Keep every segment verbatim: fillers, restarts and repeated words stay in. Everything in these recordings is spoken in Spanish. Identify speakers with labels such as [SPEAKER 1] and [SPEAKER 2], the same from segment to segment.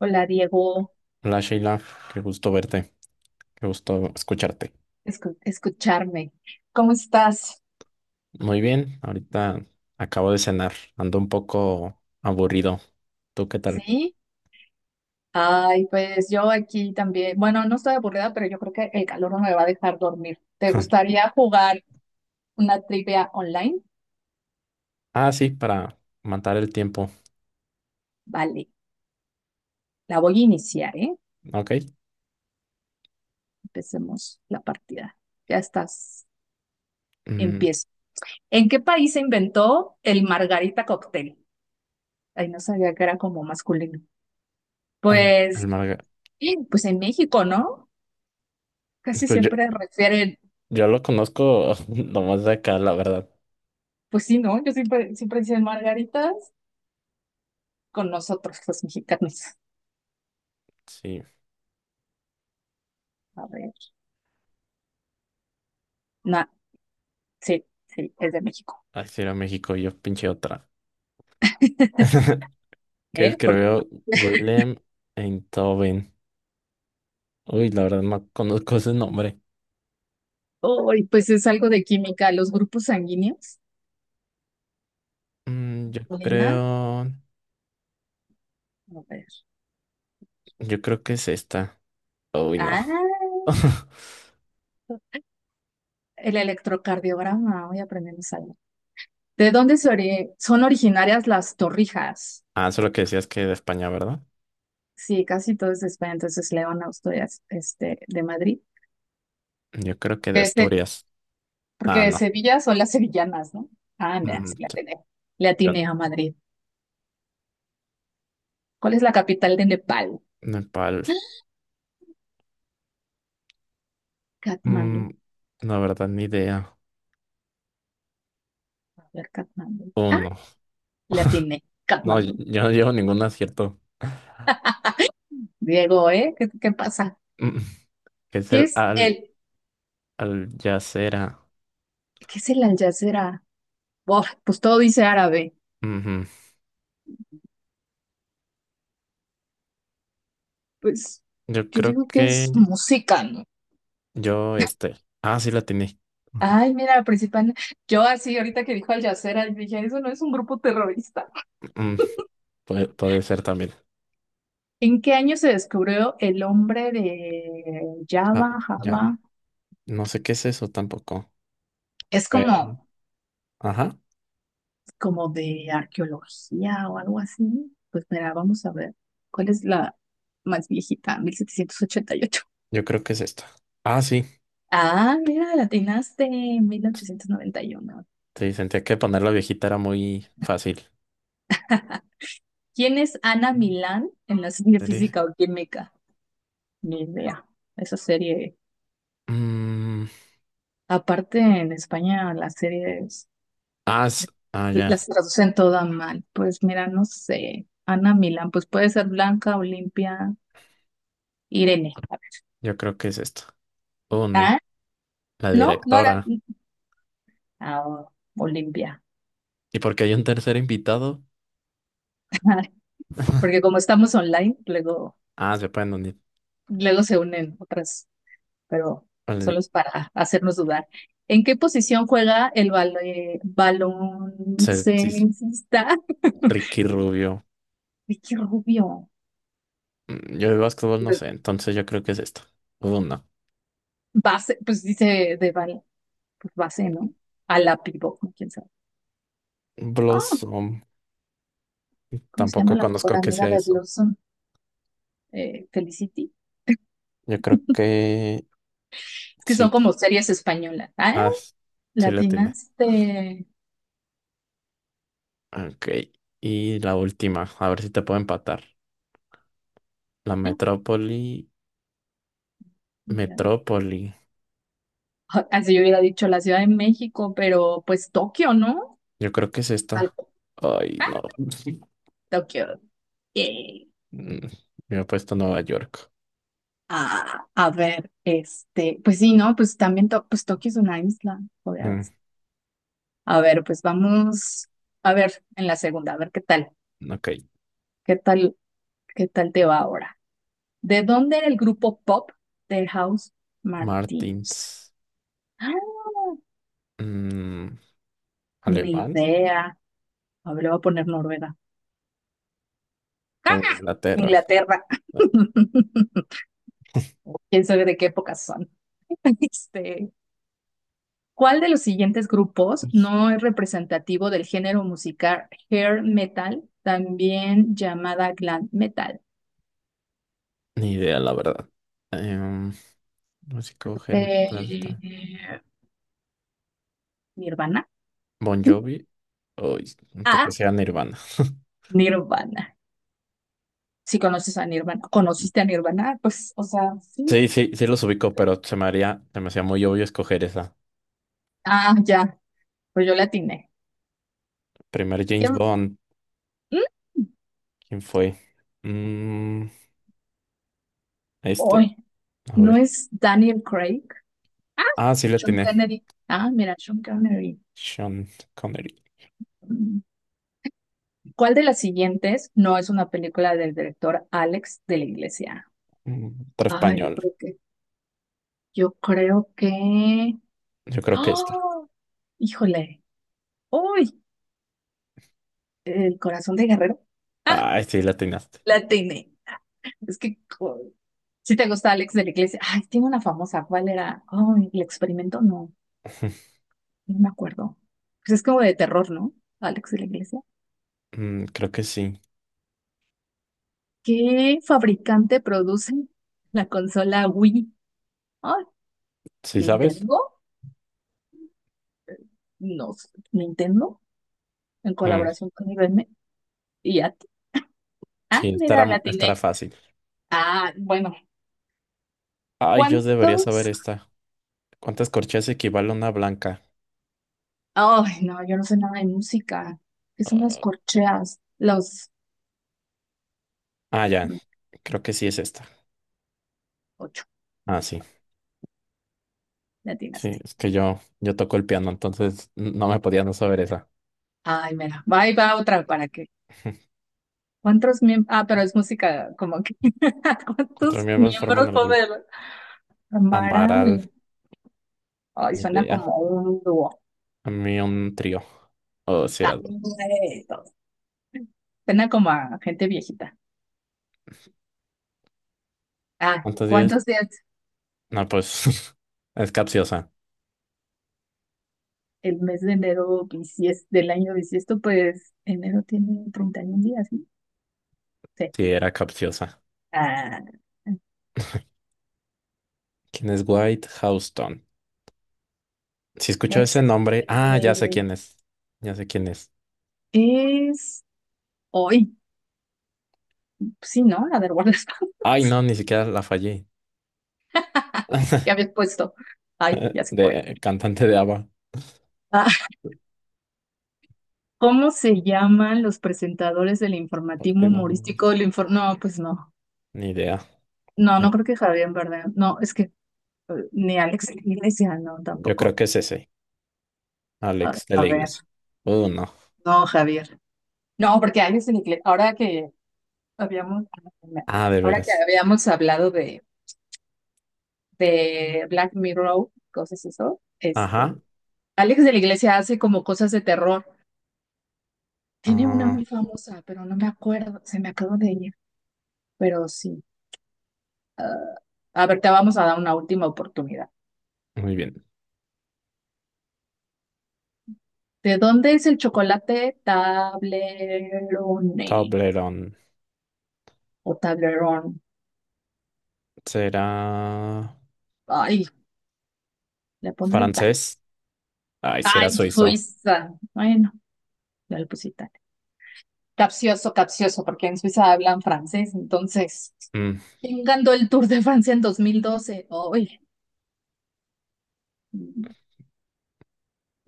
[SPEAKER 1] Hola Diego,
[SPEAKER 2] Hola Sheila, qué gusto verte, qué gusto escucharte.
[SPEAKER 1] escu- escucharme. ¿Cómo estás?
[SPEAKER 2] Muy bien, ahorita acabo de cenar, ando un poco aburrido. ¿Tú qué tal?
[SPEAKER 1] Sí. Ay, pues yo aquí también. Bueno, no estoy aburrida, pero yo creo que el calor no me va a dejar dormir. ¿Te gustaría jugar una trivia online?
[SPEAKER 2] Ah, sí, para matar el tiempo,
[SPEAKER 1] Vale, la voy a iniciar, ¿eh?
[SPEAKER 2] ok.
[SPEAKER 1] Empecemos la partida. Ya estás.
[SPEAKER 2] Mm,
[SPEAKER 1] Empiezo. ¿En qué país se inventó el margarita cóctel? Ay, no sabía que era como masculino.
[SPEAKER 2] el, el
[SPEAKER 1] Pues,
[SPEAKER 2] marga-
[SPEAKER 1] sí, pues en México, ¿no? Casi
[SPEAKER 2] Pues yo,
[SPEAKER 1] siempre refieren.
[SPEAKER 2] yo lo conozco nomás de acá, la verdad.
[SPEAKER 1] Pues sí, ¿no? Yo siempre, siempre dicen margaritas con nosotros, los mexicanos.
[SPEAKER 2] Sí,
[SPEAKER 1] A ver. Nah, sí, sí, es de México.
[SPEAKER 2] así era México, yo pinche otra. Que
[SPEAKER 1] ¿Eh? Porque,
[SPEAKER 2] escribió Willem Einthoven. Uy, la verdad no conozco ese nombre.
[SPEAKER 1] uy, pues es algo de química. Los grupos sanguíneos,
[SPEAKER 2] Mm, yo
[SPEAKER 1] Lina,
[SPEAKER 2] creo,
[SPEAKER 1] a ver.
[SPEAKER 2] yo creo que es esta. Uy, no.
[SPEAKER 1] Ah, el electrocardiograma, hoy aprendemos algo. ¿De dónde se ori- son originarias las torrijas?
[SPEAKER 2] Ah, eso es lo que decías que de España, ¿verdad?
[SPEAKER 1] Sí, casi todo es de España, entonces León, Asturias, este, de Madrid.
[SPEAKER 2] Yo creo que de
[SPEAKER 1] Este,
[SPEAKER 2] Asturias.
[SPEAKER 1] porque
[SPEAKER 2] Ah,
[SPEAKER 1] de
[SPEAKER 2] no.
[SPEAKER 1] Sevilla son las sevillanas, ¿no? Ah, mira,
[SPEAKER 2] Mm,
[SPEAKER 1] sí, le
[SPEAKER 2] t-
[SPEAKER 1] atiné, le
[SPEAKER 2] yo-
[SPEAKER 1] atiné a Madrid. ¿Cuál es la capital de Nepal?
[SPEAKER 2] Nepal.
[SPEAKER 1] Katmandú.
[SPEAKER 2] Mm, la verdad, ni idea.
[SPEAKER 1] A ver, Katmandú. Ah,
[SPEAKER 2] Uno.
[SPEAKER 1] la tiene.
[SPEAKER 2] No, yo
[SPEAKER 1] Katmandú.
[SPEAKER 2] yo no llevo ningún acierto.
[SPEAKER 1] Diego, ¿eh? ¿Qué, qué pasa?
[SPEAKER 2] Mm, que es
[SPEAKER 1] ¿Qué
[SPEAKER 2] el
[SPEAKER 1] es
[SPEAKER 2] al,
[SPEAKER 1] el,
[SPEAKER 2] al yacera.
[SPEAKER 1] ¿qué es el Al Jazeera? Buah, pues todo dice árabe.
[SPEAKER 2] Ujú.
[SPEAKER 1] Pues
[SPEAKER 2] Yo
[SPEAKER 1] yo
[SPEAKER 2] creo
[SPEAKER 1] digo que es
[SPEAKER 2] que
[SPEAKER 1] música, ¿no?
[SPEAKER 2] yo este. Ah, sí la tiene.
[SPEAKER 1] Ay, mira, la principal. Yo así, ahorita que dijo Al Jazeera, yo dije, eso no es un grupo terrorista.
[SPEAKER 2] puede, puede ser también.
[SPEAKER 1] ¿En qué año se descubrió el hombre de
[SPEAKER 2] Ah,
[SPEAKER 1] Java,
[SPEAKER 2] ya.
[SPEAKER 1] Java?
[SPEAKER 2] No sé qué es eso tampoco.
[SPEAKER 1] Es
[SPEAKER 2] Pero.
[SPEAKER 1] como
[SPEAKER 2] Ajá.
[SPEAKER 1] como de arqueología o algo así. Pues mira, vamos a ver cuál es la más viejita, mil setecientos ochenta y ocho.
[SPEAKER 2] Yo creo que es esta. Ah, sí.
[SPEAKER 1] Ah, mira, la atinaste mil ochocientos noventa y uno.
[SPEAKER 2] Sí, sentía que poner la viejita era muy fácil.
[SPEAKER 1] ¿Quién es Ana Milán en la serie
[SPEAKER 2] Series.
[SPEAKER 1] Física o Química? Ni idea. Esa serie,
[SPEAKER 2] Mm,
[SPEAKER 1] aparte en España, las series
[SPEAKER 2] ah, s- ah, ya.
[SPEAKER 1] las traducen toda mal. Pues mira, no sé. Ana Milán, pues puede ser Blanca, Olimpia, Irene.
[SPEAKER 2] Yo creo que es esto. Oh, no.
[SPEAKER 1] Ah,
[SPEAKER 2] La
[SPEAKER 1] no, no era.
[SPEAKER 2] directora.
[SPEAKER 1] Ah, Olimpia.
[SPEAKER 2] ¿Y porque hay un tercer invitado?
[SPEAKER 1] Porque como estamos online, luego,
[SPEAKER 2] Ah, se pueden unir.
[SPEAKER 1] luego se unen otras, pero solo
[SPEAKER 2] Vale,
[SPEAKER 1] es para hacernos dudar. ¿En qué posición juega el balón
[SPEAKER 2] se- sí, es
[SPEAKER 1] baloncestista?
[SPEAKER 2] Ricky Rubio.
[SPEAKER 1] Ay, qué rubio.
[SPEAKER 2] Mm, yo de básquetbol no
[SPEAKER 1] De-
[SPEAKER 2] sé, entonces yo creo que es esto. Oh, no.
[SPEAKER 1] Base, pues dice de bal, pues base, ¿no? A la pivot, ¿no? Quién sabe. Ah,
[SPEAKER 2] Blossom.
[SPEAKER 1] ¿cómo se llama
[SPEAKER 2] Tampoco
[SPEAKER 1] la mejor
[SPEAKER 2] conozco que
[SPEAKER 1] amiga
[SPEAKER 2] sea
[SPEAKER 1] de
[SPEAKER 2] eso.
[SPEAKER 1] Blossom? Eh, Felicity.
[SPEAKER 2] Yo creo que
[SPEAKER 1] Es que son
[SPEAKER 2] sí.
[SPEAKER 1] como series españolas. Ah,
[SPEAKER 2] Ah, s- sí la tiene.
[SPEAKER 1] latinas de...
[SPEAKER 2] Ok. Y la última. A ver si te puedo empatar. La metrópoli, metrópoli.
[SPEAKER 1] Así yo hubiera dicho la Ciudad de México, pero pues Tokio, ¿no?
[SPEAKER 2] Yo creo que es
[SPEAKER 1] Tal
[SPEAKER 2] esta.
[SPEAKER 1] cual.
[SPEAKER 2] Ay,
[SPEAKER 1] Ah,
[SPEAKER 2] no.
[SPEAKER 1] Tokio. Yay.
[SPEAKER 2] Mm, me he puesto Nueva York.
[SPEAKER 1] Ah, a ver, este, pues sí, ¿no? Pues también To- pues Tokio es una isla.
[SPEAKER 2] Mm,
[SPEAKER 1] Obvias. A ver, pues vamos a ver en la segunda, a ver qué tal,
[SPEAKER 2] ok.
[SPEAKER 1] qué tal, qué tal te va ahora. ¿De dónde era el grupo pop de House Martins?
[SPEAKER 2] Martins.
[SPEAKER 1] Ah,
[SPEAKER 2] Mm,
[SPEAKER 1] ni
[SPEAKER 2] ¿alemán
[SPEAKER 1] idea. A ver, le voy a poner Noruega.
[SPEAKER 2] o
[SPEAKER 1] ¡Ah!
[SPEAKER 2] Inglaterra?
[SPEAKER 1] Inglaterra.
[SPEAKER 2] No,
[SPEAKER 1] ¿Quién sabe de qué época son? Este, ¿cuál de los siguientes grupos no es representativo del género musical hair metal, también llamada glam metal?
[SPEAKER 2] ni idea, la verdad. Em, músico Hermes Plata.
[SPEAKER 1] Eh, Nirvana.
[SPEAKER 2] Bon Jovi. Uy, un
[SPEAKER 1] A.
[SPEAKER 2] poco sea Nirvana.
[SPEAKER 1] Nirvana. Si conoces a Nirvana, conociste a Nirvana, pues, o sea, sí.
[SPEAKER 2] Sí, sí, sí los ubico, pero se me haría, se me hacía muy obvio escoger esa.
[SPEAKER 1] Ah, ya, pues yo la atiné.
[SPEAKER 2] Primer James
[SPEAKER 1] Em,
[SPEAKER 2] Bond,
[SPEAKER 1] mm,
[SPEAKER 2] ¿quién fue? Mm, este,
[SPEAKER 1] Uy,
[SPEAKER 2] a
[SPEAKER 1] ¿no
[SPEAKER 2] ver.
[SPEAKER 1] es Daniel Craig?
[SPEAKER 2] Ah, sí, la
[SPEAKER 1] Sean
[SPEAKER 2] tiene.
[SPEAKER 1] Kennedy. Ah, mira, Sean Connery.
[SPEAKER 2] Sean Connery.
[SPEAKER 1] ¿Cuál de las siguientes no es una película del director Alex de la Iglesia?
[SPEAKER 2] Mm, otro
[SPEAKER 1] Ay, yo
[SPEAKER 2] español.
[SPEAKER 1] creo que, yo creo que,
[SPEAKER 2] Yo creo que esta.
[SPEAKER 1] ¡oh! ¡Híjole! ¡Uy! El corazón de Guerrero. ¡Ah!
[SPEAKER 2] Ay, sí, la atinaste.
[SPEAKER 1] La tiene. Es que, co- si te gusta Alex de la Iglesia. Ay, tiene una famosa. ¿Cuál era? Ay, el experimento. No, no me acuerdo. Pues es como de terror, ¿no? Alex de la Iglesia.
[SPEAKER 2] Mm, creo que sí.
[SPEAKER 1] ¿Qué fabricante produce la consola Wii? Ay,
[SPEAKER 2] ¿Sí sabes?
[SPEAKER 1] ¿Nintendo? No, sé. ¿Nintendo? En
[SPEAKER 2] Mm,
[SPEAKER 1] colaboración con I B M. Y ya,
[SPEAKER 2] sí,
[SPEAKER 1] ah,
[SPEAKER 2] estará,
[SPEAKER 1] mira, la
[SPEAKER 2] mo- estará
[SPEAKER 1] atiné.
[SPEAKER 2] fácil.
[SPEAKER 1] Ah, bueno,
[SPEAKER 2] Ay, yo debería saber
[SPEAKER 1] ¿cuántos?
[SPEAKER 2] esta. ¿Cuántas corcheas equivale a una blanca?
[SPEAKER 1] Ay, no, yo no sé nada de música. ¿Qué son las
[SPEAKER 2] Ah,
[SPEAKER 1] corcheas? Los
[SPEAKER 2] ah, ya.
[SPEAKER 1] mm,
[SPEAKER 2] Creo que sí es esta.
[SPEAKER 1] ocho,
[SPEAKER 2] Ah, sí.
[SPEAKER 1] la
[SPEAKER 2] Sí,
[SPEAKER 1] atinaste.
[SPEAKER 2] es que yo, yo toco el piano, entonces no me podía no saber esa.
[SPEAKER 1] Ay, mira, va y va otra para que. ¿Cuántos miembros? Ah, pero es música como que.
[SPEAKER 2] ¿Cuántos
[SPEAKER 1] ¿Cuántos
[SPEAKER 2] miembros forman
[SPEAKER 1] miembros
[SPEAKER 2] el grupo?
[SPEAKER 1] puede haber?
[SPEAKER 2] Amaral.
[SPEAKER 1] ¿Amaral? Ay,
[SPEAKER 2] Ni
[SPEAKER 1] suena
[SPEAKER 2] idea.
[SPEAKER 1] como un dúo.
[SPEAKER 2] A mí un trío. O si
[SPEAKER 1] Ah,
[SPEAKER 2] era dos.
[SPEAKER 1] eso. Suena como a gente viejita. Ah,
[SPEAKER 2] ¿Cuántos días?
[SPEAKER 1] ¿cuántos días?
[SPEAKER 2] No, pues es capciosa.
[SPEAKER 1] El mes de enero bisies- del año bisiesto, pues enero tiene treinta y un días, ¿no? Sí.
[SPEAKER 2] Sí, era capciosa.
[SPEAKER 1] Ah,
[SPEAKER 2] ¿Quién es White Houston? Si escucho
[SPEAKER 1] es,
[SPEAKER 2] ese nombre, ah, ya sé
[SPEAKER 1] este,
[SPEAKER 2] quién es. Ya sé quién es.
[SPEAKER 1] es hoy. Sí, ¿no? La del guardaespaldas
[SPEAKER 2] Ay, no, ni siquiera la fallé.
[SPEAKER 1] que habías puesto. Ay,
[SPEAKER 2] Eh,
[SPEAKER 1] ya se fue.
[SPEAKER 2] de cantante de A B B A.
[SPEAKER 1] Ah, ¿cómo se llaman los presentadores del informativo
[SPEAKER 2] Motivo, no, Ni
[SPEAKER 1] humorístico? El infor- no, pues no.
[SPEAKER 2] ni idea.
[SPEAKER 1] No,
[SPEAKER 2] Eh,
[SPEAKER 1] no creo que Javier verdad. No, es que eh, ni Alex de la Iglesia, no,
[SPEAKER 2] Yo creo
[SPEAKER 1] tampoco.
[SPEAKER 2] que es ese,
[SPEAKER 1] A ver,
[SPEAKER 2] Alex de
[SPEAKER 1] a
[SPEAKER 2] la
[SPEAKER 1] ver.
[SPEAKER 2] Iglesia. Uh, no.
[SPEAKER 1] No, Javier. No, porque Alex de la Iglesia, ahora que Habíamos,
[SPEAKER 2] Ah, de
[SPEAKER 1] ahora que
[SPEAKER 2] veras.
[SPEAKER 1] habíamos hablado de, de Black Mirror, cosas eso, este,
[SPEAKER 2] Ajá.
[SPEAKER 1] Alex de la Iglesia hace como cosas de terror. Tiene una
[SPEAKER 2] Ah,
[SPEAKER 1] muy famosa, pero no me acuerdo, se me acabó de ella, pero sí. A ver, te vamos a dar una última oportunidad.
[SPEAKER 2] muy bien.
[SPEAKER 1] ¿De dónde es el chocolate Tablerone
[SPEAKER 2] Toblerone.
[SPEAKER 1] o Tablerón?
[SPEAKER 2] ¿Será
[SPEAKER 1] Ay, le pondré Italia.
[SPEAKER 2] francés? Ay, será
[SPEAKER 1] Ay,
[SPEAKER 2] suizo.
[SPEAKER 1] Suiza. Bueno, ya le puse Italia. Capcioso, capcioso, porque en Suiza hablan francés, entonces.
[SPEAKER 2] Mm,
[SPEAKER 1] ¿Quién ganó el Tour de Francia en dos mil doce? Oye,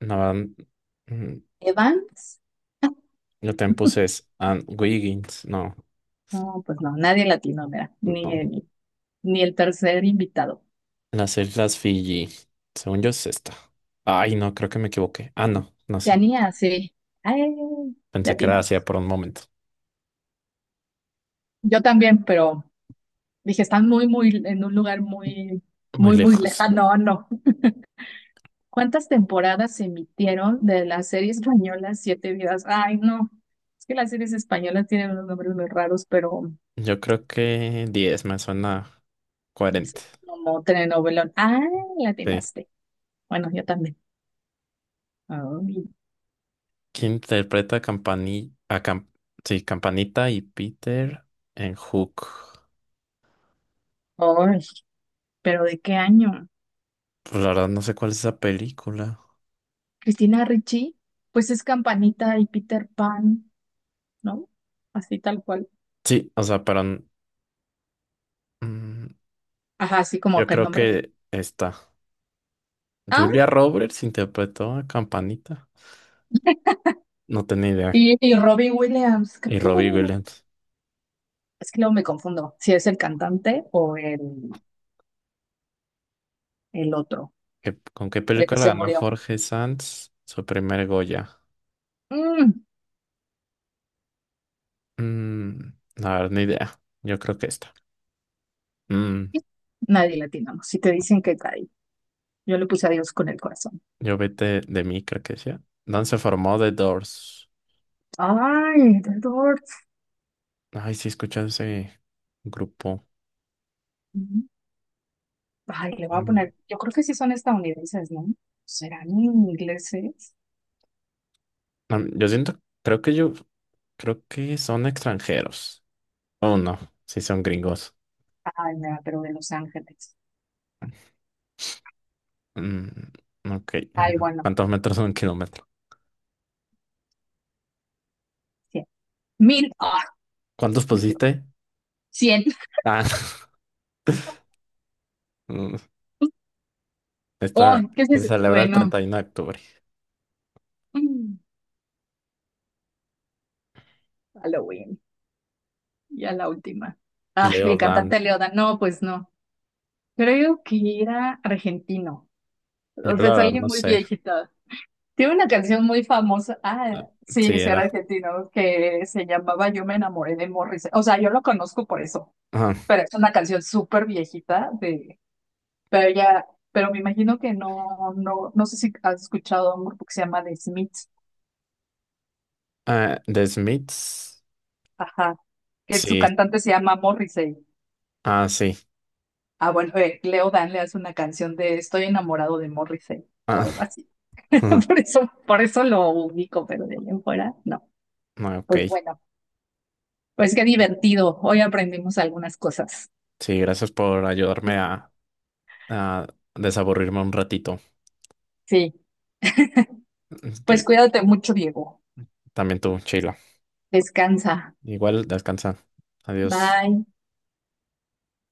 [SPEAKER 2] no, mm,
[SPEAKER 1] ¿Evans?
[SPEAKER 2] Lo Tempus es and Wiggins. No,
[SPEAKER 1] No, pues no, nadie latino, mira, ni
[SPEAKER 2] no.
[SPEAKER 1] el, ni el tercer invitado.
[SPEAKER 2] Las Islas Fiji. Según yo es esta. Ay, no, creo que me equivoqué. Ah, no, no, sí.
[SPEAKER 1] Oceanía, sí. Ay,
[SPEAKER 2] Pensé que era Asia
[SPEAKER 1] latinamos.
[SPEAKER 2] por un momento.
[SPEAKER 1] Yo también, pero dije, están muy, muy, en un lugar muy,
[SPEAKER 2] Muy
[SPEAKER 1] muy, muy
[SPEAKER 2] lejos.
[SPEAKER 1] lejano. No, no. ¿Cuántas temporadas se emitieron de la serie española Siete Vidas? Ay, no. Es que las series españolas tienen unos nombres muy raros, pero
[SPEAKER 2] Yo creo que diez me suena
[SPEAKER 1] sí,
[SPEAKER 2] cuarenta.
[SPEAKER 1] como telenovelón. Ah,
[SPEAKER 2] Sí.
[SPEAKER 1] latinaste. Bueno, yo también. Ay,
[SPEAKER 2] ¿Quién interpreta a Campani a Cam- sí, ¿Campanita y Peter en Hook?
[SPEAKER 1] ay, pero ¿de qué año?
[SPEAKER 2] Pues la verdad no sé cuál es esa película.
[SPEAKER 1] Cristina Ricci, pues es Campanita y Peter Pan, ¿no? Así tal cual.
[SPEAKER 2] Sí, o sea, pero mm,
[SPEAKER 1] Ajá, así como
[SPEAKER 2] yo
[SPEAKER 1] que el
[SPEAKER 2] creo
[SPEAKER 1] nombre de...
[SPEAKER 2] que esta.
[SPEAKER 1] Ah,
[SPEAKER 2] Julia Roberts interpretó a Campanita. No tenía idea.
[SPEAKER 1] y, y Robbie Williams, creo
[SPEAKER 2] Y
[SPEAKER 1] que no-
[SPEAKER 2] Robbie
[SPEAKER 1] no.
[SPEAKER 2] Williams.
[SPEAKER 1] Es que luego me confundo si es el cantante o el, el otro,
[SPEAKER 2] ¿Qué- ¿Con qué
[SPEAKER 1] el que
[SPEAKER 2] película
[SPEAKER 1] se
[SPEAKER 2] ganó
[SPEAKER 1] murió.
[SPEAKER 2] Jorge Sanz su primer Goya?
[SPEAKER 1] Mm,
[SPEAKER 2] Mm, a ver, ni idea. Yo creo que esta. Mm,
[SPEAKER 1] nadie le atinamos. Si te dicen que cae, yo le puse a Dios con el corazón.
[SPEAKER 2] yo vete de mí, creo que decía. ¿Dónde se formó The Doors?
[SPEAKER 1] Ay, The Doors.
[SPEAKER 2] Ay, sí, escuché ese grupo.
[SPEAKER 1] Ujú. Ay, le voy a
[SPEAKER 2] Mm.
[SPEAKER 1] poner, yo creo que sí son estadounidenses, ¿no? ¿Serán ingleses?
[SPEAKER 2] Am- Yo siento, creo que yo, creo que son extranjeros. Oh, no, sí son gringos.
[SPEAKER 1] Ay, mira, pero de Los Ángeles.
[SPEAKER 2] Mm, ok.
[SPEAKER 1] Ay, bueno,
[SPEAKER 2] ¿Cuántos metros son un kilómetro?
[SPEAKER 1] cien. Mil. Ah,
[SPEAKER 2] ¿Cuántos
[SPEAKER 1] me equivoqué.
[SPEAKER 2] pusiste?
[SPEAKER 1] cien.
[SPEAKER 2] Ah,
[SPEAKER 1] Oh,
[SPEAKER 2] esta
[SPEAKER 1] ¿qué es
[SPEAKER 2] que
[SPEAKER 1] eso?
[SPEAKER 2] celebra el
[SPEAKER 1] Bueno,
[SPEAKER 2] treinta y uno de octubre.
[SPEAKER 1] mm, Halloween. Ya la última. Ah, el
[SPEAKER 2] Leo Dan.
[SPEAKER 1] cantante Leoda. No, pues no. Creo que era argentino.
[SPEAKER 2] Yo
[SPEAKER 1] O sea,
[SPEAKER 2] la
[SPEAKER 1] es
[SPEAKER 2] verdad
[SPEAKER 1] alguien
[SPEAKER 2] no
[SPEAKER 1] muy
[SPEAKER 2] sé
[SPEAKER 1] viejito. Tiene una canción muy famosa. Ah, sí,
[SPEAKER 2] sí
[SPEAKER 1] sí, era
[SPEAKER 2] era.
[SPEAKER 1] argentino, que se llamaba Yo me enamoré de Morris. O sea, yo lo conozco por eso.
[SPEAKER 2] Ajá.
[SPEAKER 1] Pero es una canción súper viejita de. Pero ya, pero me imagino que no, no, no sé si has escuchado a un grupo que se llama The Smiths,
[SPEAKER 2] Ah, The Smiths.
[SPEAKER 1] ajá, que su
[SPEAKER 2] Sí.
[SPEAKER 1] cantante se llama Morrissey.
[SPEAKER 2] Ah, sí.
[SPEAKER 1] Ah, bueno, eh, Leo Dan le hace una canción de Estoy enamorado de Morrissey o
[SPEAKER 2] Ah,
[SPEAKER 1] algo así. Por eso, por eso lo ubico, pero de ahí en fuera, no.
[SPEAKER 2] ah, ok.
[SPEAKER 1] Pues bueno, pues qué divertido. Hoy aprendimos algunas cosas.
[SPEAKER 2] Sí, gracias por ayudarme a, a desaburrirme un ratito.
[SPEAKER 1] Sí,
[SPEAKER 2] Ok.
[SPEAKER 1] pues cuídate mucho, Diego.
[SPEAKER 2] También tú, Sheila.
[SPEAKER 1] Descansa.
[SPEAKER 2] Igual, descansa. Adiós.
[SPEAKER 1] Bye.